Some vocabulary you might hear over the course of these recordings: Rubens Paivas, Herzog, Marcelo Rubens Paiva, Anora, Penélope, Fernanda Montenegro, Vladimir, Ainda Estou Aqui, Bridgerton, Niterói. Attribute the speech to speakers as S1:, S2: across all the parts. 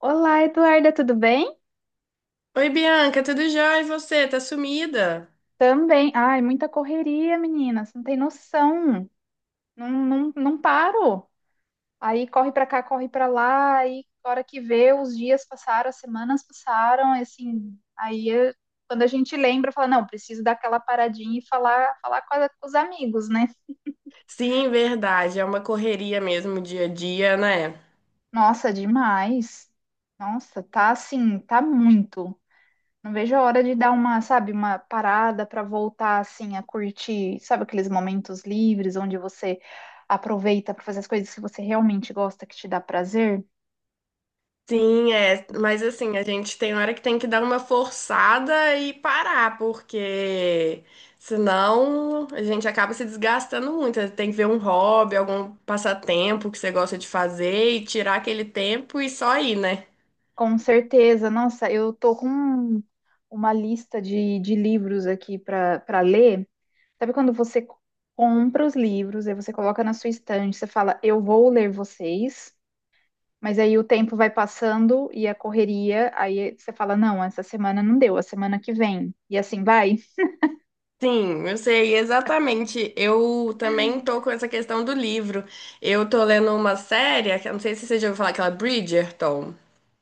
S1: Olá, Eduarda, tudo bem?
S2: Oi, Bianca, tudo jóia? E você? Tá sumida?
S1: Também. Ai, muita correria, menina. Você não tem noção. Não, não, não paro. Aí corre pra cá, corre pra lá. Aí, a hora que vê, os dias passaram, as semanas passaram, e assim, quando a gente lembra, fala, não, preciso dar aquela paradinha e falar com os amigos, né?
S2: Sim, verdade. É uma correria mesmo dia a dia, né?
S1: Nossa, demais. Nossa, tá assim, tá muito. Não vejo a hora de dar uma, sabe, uma parada para voltar assim a curtir, sabe, aqueles momentos livres onde você aproveita para fazer as coisas que você realmente gosta, que te dá prazer.
S2: Sim, é. Mas assim, a gente tem hora que tem que dar uma forçada e parar, porque senão a gente acaba se desgastando muito. Tem que ver um hobby, algum passatempo que você gosta de fazer e tirar aquele tempo e só ir, né?
S1: Com certeza, nossa, eu tô com uma lista de livros aqui para ler. Sabe quando você compra os livros, aí você coloca na sua estante, você fala, eu vou ler vocês. Mas aí o tempo vai passando e a correria, aí você fala, não, essa semana não deu, a semana que vem. E assim vai.
S2: Sim, eu sei, exatamente. Eu também tô com essa questão do livro. Eu tô lendo uma série, que eu não sei se você já ouviu falar, aquela Bridgerton.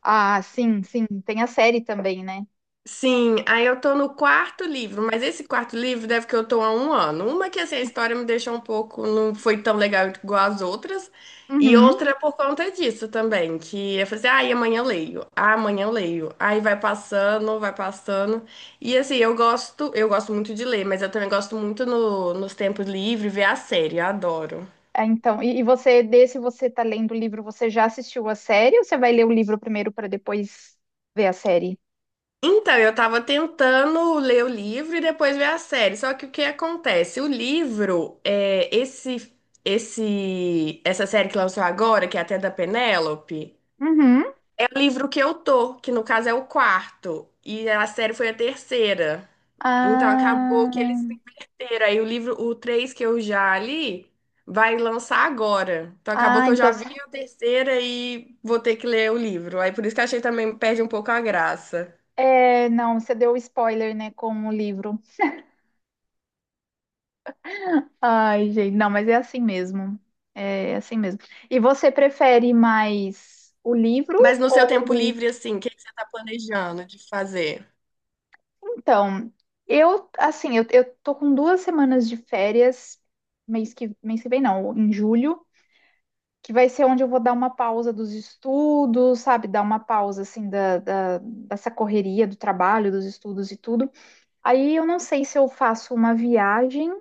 S1: Ah, sim, sim. Tem a série também, né?
S2: Sim, aí eu tô no quarto livro, mas esse quarto livro deve que eu tô há um ano. Uma que assim, a história me deixou um pouco, não foi tão legal igual as outras, e
S1: Uhum.
S2: outra é por conta disso também, que eu falei assim, ah, e amanhã eu leio, ah, amanhã eu leio. Aí vai passando, vai passando. E assim, eu gosto muito de ler, mas eu também gosto muito no, nos tempos livres ver a série, eu adoro.
S1: Ah, então, e você, desse você tá lendo o livro, você já assistiu a série ou você vai ler o livro primeiro para depois ver a série?
S2: Então, eu tava tentando ler o livro e depois ver a série. Só que o que acontece? O livro, é, essa série que lançou agora, que é até da Penélope,
S1: Uhum.
S2: é o livro que eu tô, que no caso é o quarto. E a série foi a terceira. Então acabou que
S1: Ah,
S2: eles se inverteram. Aí o livro, o três que eu já li, vai lançar agora. Então acabou
S1: ah,
S2: que eu
S1: então,
S2: já vi a terceira e vou ter que ler o livro. Aí por isso que eu achei também perde um pouco a graça.
S1: é, não, você deu spoiler, né, com o livro. Ai, gente, não, mas é assim mesmo. É assim mesmo. E você prefere mais o livro.
S2: Mas no seu tempo livre, assim, o que que você tá planejando de fazer?
S1: Então, eu, assim, eu tô com duas semanas de férias, mês que vem não, em julho, que vai ser onde eu vou dar uma pausa dos estudos, sabe? Dar uma pausa, assim, dessa correria do trabalho, dos estudos e tudo. Aí eu não sei se eu faço uma viagem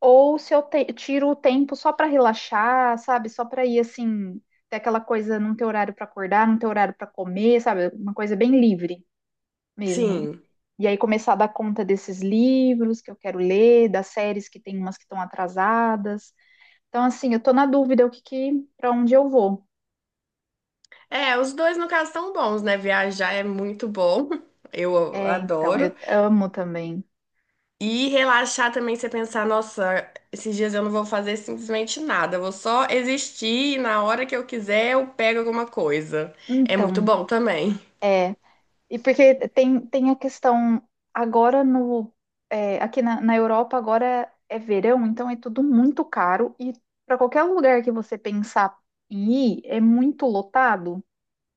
S1: ou se eu tiro o tempo só pra relaxar, sabe? Só pra ir, assim, ter aquela coisa, não ter horário pra acordar, não ter horário pra comer, sabe? Uma coisa bem livre mesmo.
S2: Sim.
S1: E aí começar a dar conta desses livros que eu quero ler, das séries que tem umas que estão atrasadas. Então, assim, eu tô na dúvida o que que, para onde eu vou.
S2: É, os dois, no caso, são bons, né? Viajar é muito bom. Eu
S1: É, então,
S2: adoro.
S1: eu amo também.
S2: E relaxar também, você pensar, nossa, esses dias eu não vou fazer simplesmente nada. Eu vou só existir e na hora que eu quiser eu pego alguma coisa. É muito
S1: Então,
S2: bom também.
S1: é. E porque tem, tem a questão agora no é, aqui na Europa agora é verão, então é tudo muito caro e para qualquer lugar que você pensar em ir é muito lotado.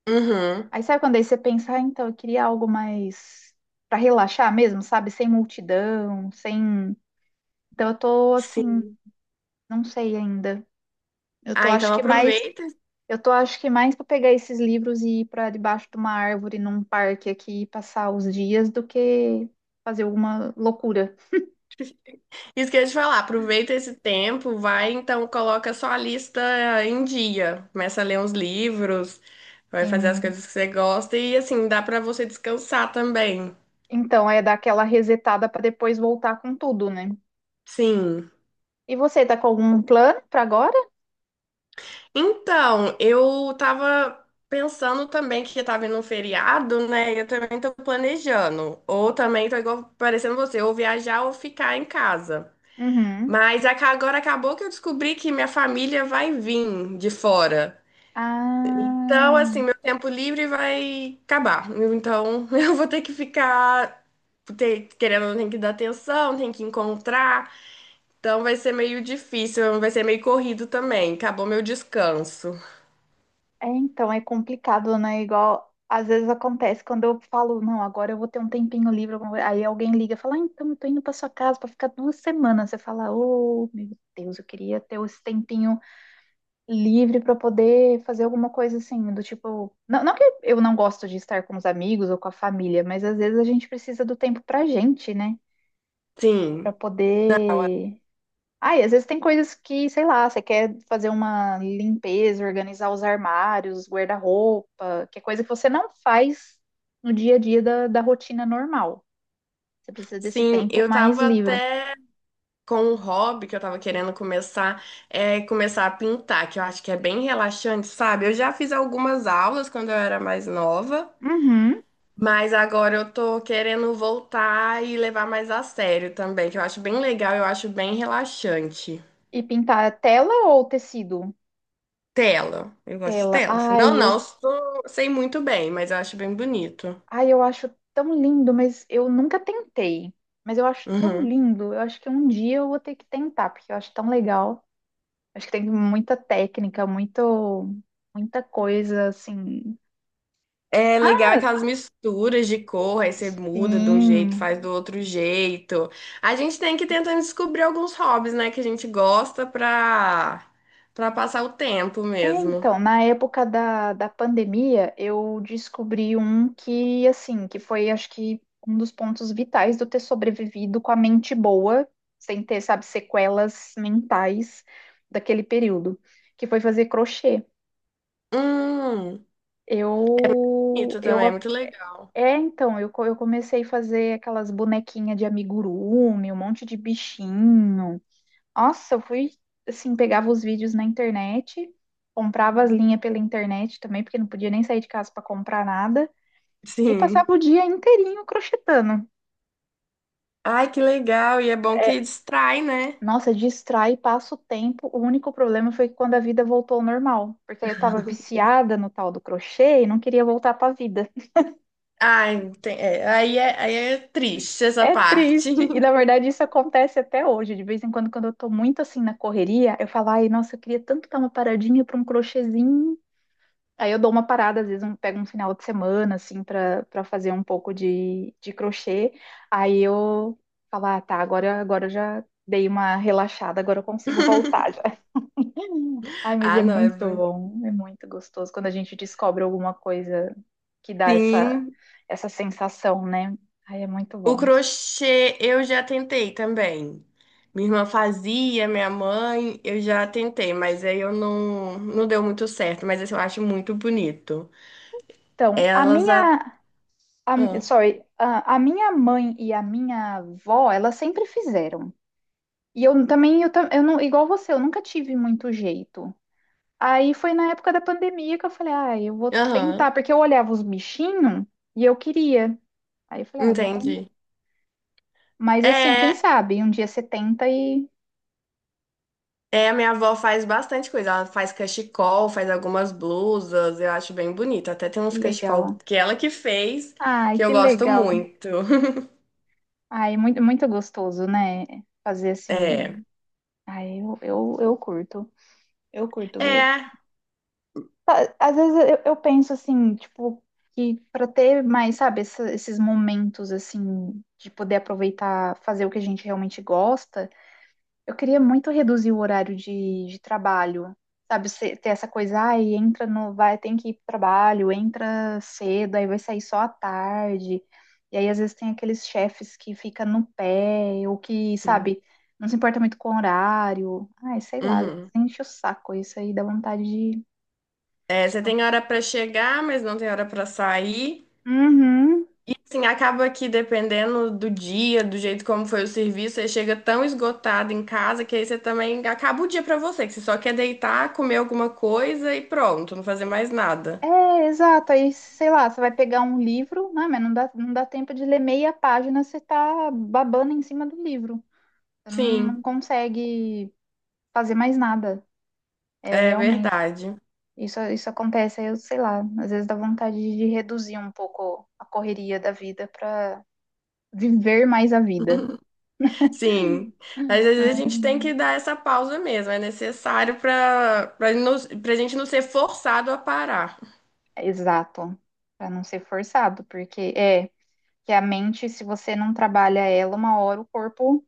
S2: Uhum.
S1: Aí sabe quando aí você pensa, ah, então eu queria algo mais para relaxar mesmo, sabe? Sem multidão, sem. Então eu tô assim,
S2: Sim.
S1: não sei ainda. Eu tô
S2: Ah,
S1: acho
S2: então
S1: que mais,
S2: aproveita.
S1: eu tô acho que mais para pegar esses livros e ir para debaixo de uma árvore num parque aqui e passar os dias do que fazer alguma loucura.
S2: Isso que eu ia te falar, aproveita esse tempo, vai então, coloca sua lista em dia, começa a ler uns livros, vai fazer as
S1: Sim.
S2: coisas que você gosta e assim, dá pra você descansar também.
S1: Então é dar aquela resetada para depois voltar com tudo, né?
S2: Sim.
S1: E você tá com algum plano para agora?
S2: Então, eu tava pensando também que tá vindo um feriado, né? Eu também tô planejando. Ou também tô igual parecendo você, ou viajar ou ficar em casa.
S1: Uhum.
S2: Mas aca- agora acabou que eu descobri que minha família vai vir de fora. Então, assim,
S1: Ah.
S2: meu tempo livre vai acabar. Então, eu vou ter que ficar, ter- querendo, ou não, tem que dar atenção, tem que encontrar. Então, vai ser meio difícil, vai ser meio corrido também. Acabou meu descanso.
S1: É, então, é complicado, né? Igual, às vezes acontece, quando eu falo, não, agora eu vou ter um tempinho livre, alguma coisa", aí alguém liga e fala, ah, então, eu tô indo pra sua casa pra ficar duas semanas. Você fala, oh, meu Deus, eu queria ter esse tempinho livre pra poder fazer alguma coisa assim, do tipo. Não, não que eu não gosto de estar com os amigos ou com a família, mas às vezes a gente precisa do tempo pra gente, né? Pra
S2: Sim.
S1: poder. Ai, às vezes tem coisas que, sei lá, você quer fazer uma limpeza, organizar os armários, guarda-roupa, que é coisa que você não faz no dia a dia da rotina normal. Você precisa desse
S2: Sim,
S1: tempo
S2: eu
S1: mais
S2: tava
S1: livre.
S2: até com um hobby que eu tava querendo começar, é começar a pintar, que eu acho que é bem relaxante, sabe? Eu já fiz algumas aulas quando eu era mais nova.
S1: Uhum.
S2: Mas agora eu tô querendo voltar e levar mais a sério também, que eu acho bem legal, eu acho bem relaxante.
S1: E pintar tela ou tecido?
S2: Tela. Eu gosto de
S1: Tela.
S2: tela. Assim. Não, não, eu sou- sei muito bem, mas eu acho bem bonito.
S1: Ai, eu acho tão lindo, mas eu nunca tentei. Mas eu acho tão
S2: Uhum.
S1: lindo. Eu acho que um dia eu vou ter que tentar, porque eu acho tão legal. Acho que tem muita técnica, muita coisa assim.
S2: É legal aquelas misturas de cor, aí você muda de um jeito,
S1: Sim.
S2: faz do outro jeito. A gente tem que tentar descobrir alguns hobbies, né, que a gente gosta pra passar o tempo
S1: É,
S2: mesmo.
S1: então, na época da pandemia, eu descobri um que, assim, que foi, acho que, um dos pontos vitais do ter sobrevivido com a mente boa, sem ter, sabe, sequelas mentais daquele período, que foi fazer crochê.
S2: Hum,
S1: Eu,
S2: bonito
S1: eu,
S2: também, é muito legal.
S1: é, então, eu comecei a fazer aquelas bonequinhas de amigurumi, um monte de bichinho. Nossa, eu fui assim, pegava os vídeos na internet, comprava as linhas pela internet também, porque não podia nem sair de casa para comprar nada, e passava
S2: Sim.
S1: o dia inteirinho crochetando.
S2: Ai, que legal. E é bom
S1: É,
S2: que distrai, né?
S1: nossa, distrai, passa o tempo. O único problema foi quando a vida voltou ao normal, porque aí eu tava viciada no tal do crochê e não queria voltar para a vida.
S2: Ai, tem- é, aí, é, aí é triste essa
S1: É
S2: parte.
S1: triste. E na verdade isso acontece até hoje, de vez em quando eu tô muito assim na correria, eu falo, ai, nossa, eu queria tanto dar uma paradinha para um crochêzinho. Aí eu dou uma parada, às vezes eu pego um final de semana, assim, pra fazer um pouco de crochê. Aí eu falo, ah, tá, agora eu já dei uma relaxada, agora eu consigo voltar já. Ai, mas
S2: Ah,
S1: é
S2: não, é
S1: muito
S2: bom.
S1: bom, é muito gostoso quando a gente descobre alguma coisa que dá essa,
S2: Sim.
S1: essa sensação, né? Ai, é muito
S2: O
S1: bom.
S2: crochê eu já tentei também. Minha irmã fazia, minha mãe, eu já tentei, mas aí eu não deu muito certo. Mas assim, eu acho muito bonito.
S1: Então,
S2: Elas. A... ah.
S1: sorry, a minha mãe e a minha avó, elas sempre fizeram. E eu também, eu não, igual você, eu nunca tive muito jeito. Aí foi na época da pandemia que eu falei, ah, eu vou
S2: Aham,
S1: tentar, porque eu olhava os bichinhos e eu queria. Aí eu falei, ah, vamos.
S2: entendi.
S1: Mas assim, quem
S2: É.
S1: sabe? Um dia você tenta e.
S2: É, a minha avó faz bastante coisa. Ela faz cachecol, faz algumas blusas, eu acho bem bonito. Até tem
S1: Que
S2: uns cachecol
S1: legal.
S2: que ela que fez,
S1: Ai,
S2: que eu
S1: que
S2: gosto
S1: legal.
S2: muito.
S1: Ai, muito, muito gostoso, né? Fazer
S2: É.
S1: assim. Ai, eu curto. Eu curto.
S2: É.
S1: Tá, às vezes eu penso assim, tipo, que para ter mais, sabe, esses momentos assim de poder aproveitar, fazer o que a gente realmente gosta, eu queria muito reduzir o horário de trabalho, sabe, ter essa coisa, ai, entra no, vai, tem que ir pro trabalho, entra cedo, aí vai sair só à tarde. E aí às vezes tem aqueles chefes que fica no pé, ou que, sabe, não se importa muito com o horário. Ai, sei lá,
S2: Uhum.
S1: enche o saco, isso aí dá vontade de.
S2: É, você tem hora pra chegar, mas não tem hora pra sair.
S1: Uhum.
S2: Assim, acaba que dependendo do dia, do jeito como foi o serviço, você chega tão esgotado em casa que aí você também acaba o dia pra você, que você só quer deitar, comer alguma coisa e pronto, não fazer mais nada.
S1: É, exato. Aí, sei lá, você vai pegar um livro, né? Mas não dá tempo de ler meia página, você tá babando em cima do livro. Você não
S2: Sim,
S1: consegue fazer mais nada. É,
S2: é
S1: realmente.
S2: verdade.
S1: Isso acontece, aí eu sei lá, às vezes dá vontade de reduzir um pouco a correria da vida para viver mais a vida.
S2: Sim, mas às vezes a gente tem que dar essa pausa mesmo, é necessário para a gente não ser forçado a parar.
S1: Exato. Para não ser forçado, porque é que a mente, se você não trabalha ela, uma hora o corpo,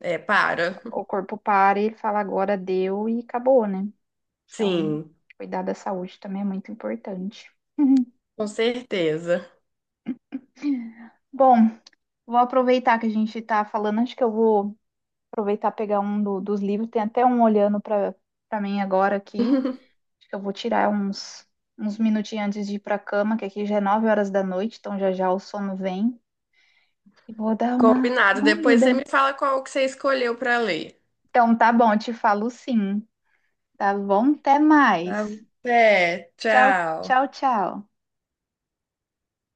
S2: É, para.
S1: o corpo para e ele fala agora deu e acabou, né? Então,
S2: Sim,
S1: cuidar da saúde também é muito importante. Uhum.
S2: com certeza.
S1: Bom, vou aproveitar que a gente está falando, acho que eu vou aproveitar pegar um dos livros, tem até um olhando para mim agora aqui. Acho que eu vou tirar uns minutinhos antes de ir para a cama, que aqui já é 9 horas da noite, então já já o sono vem. E vou dar uma,
S2: Combinado.
S1: uma
S2: Depois você
S1: lida.
S2: me fala qual que você escolheu para ler.
S1: Então, tá bom, te falo sim. Tá bom? Até mais.
S2: Tá? Até,
S1: Tchau,
S2: tchau.
S1: tchau, tchau.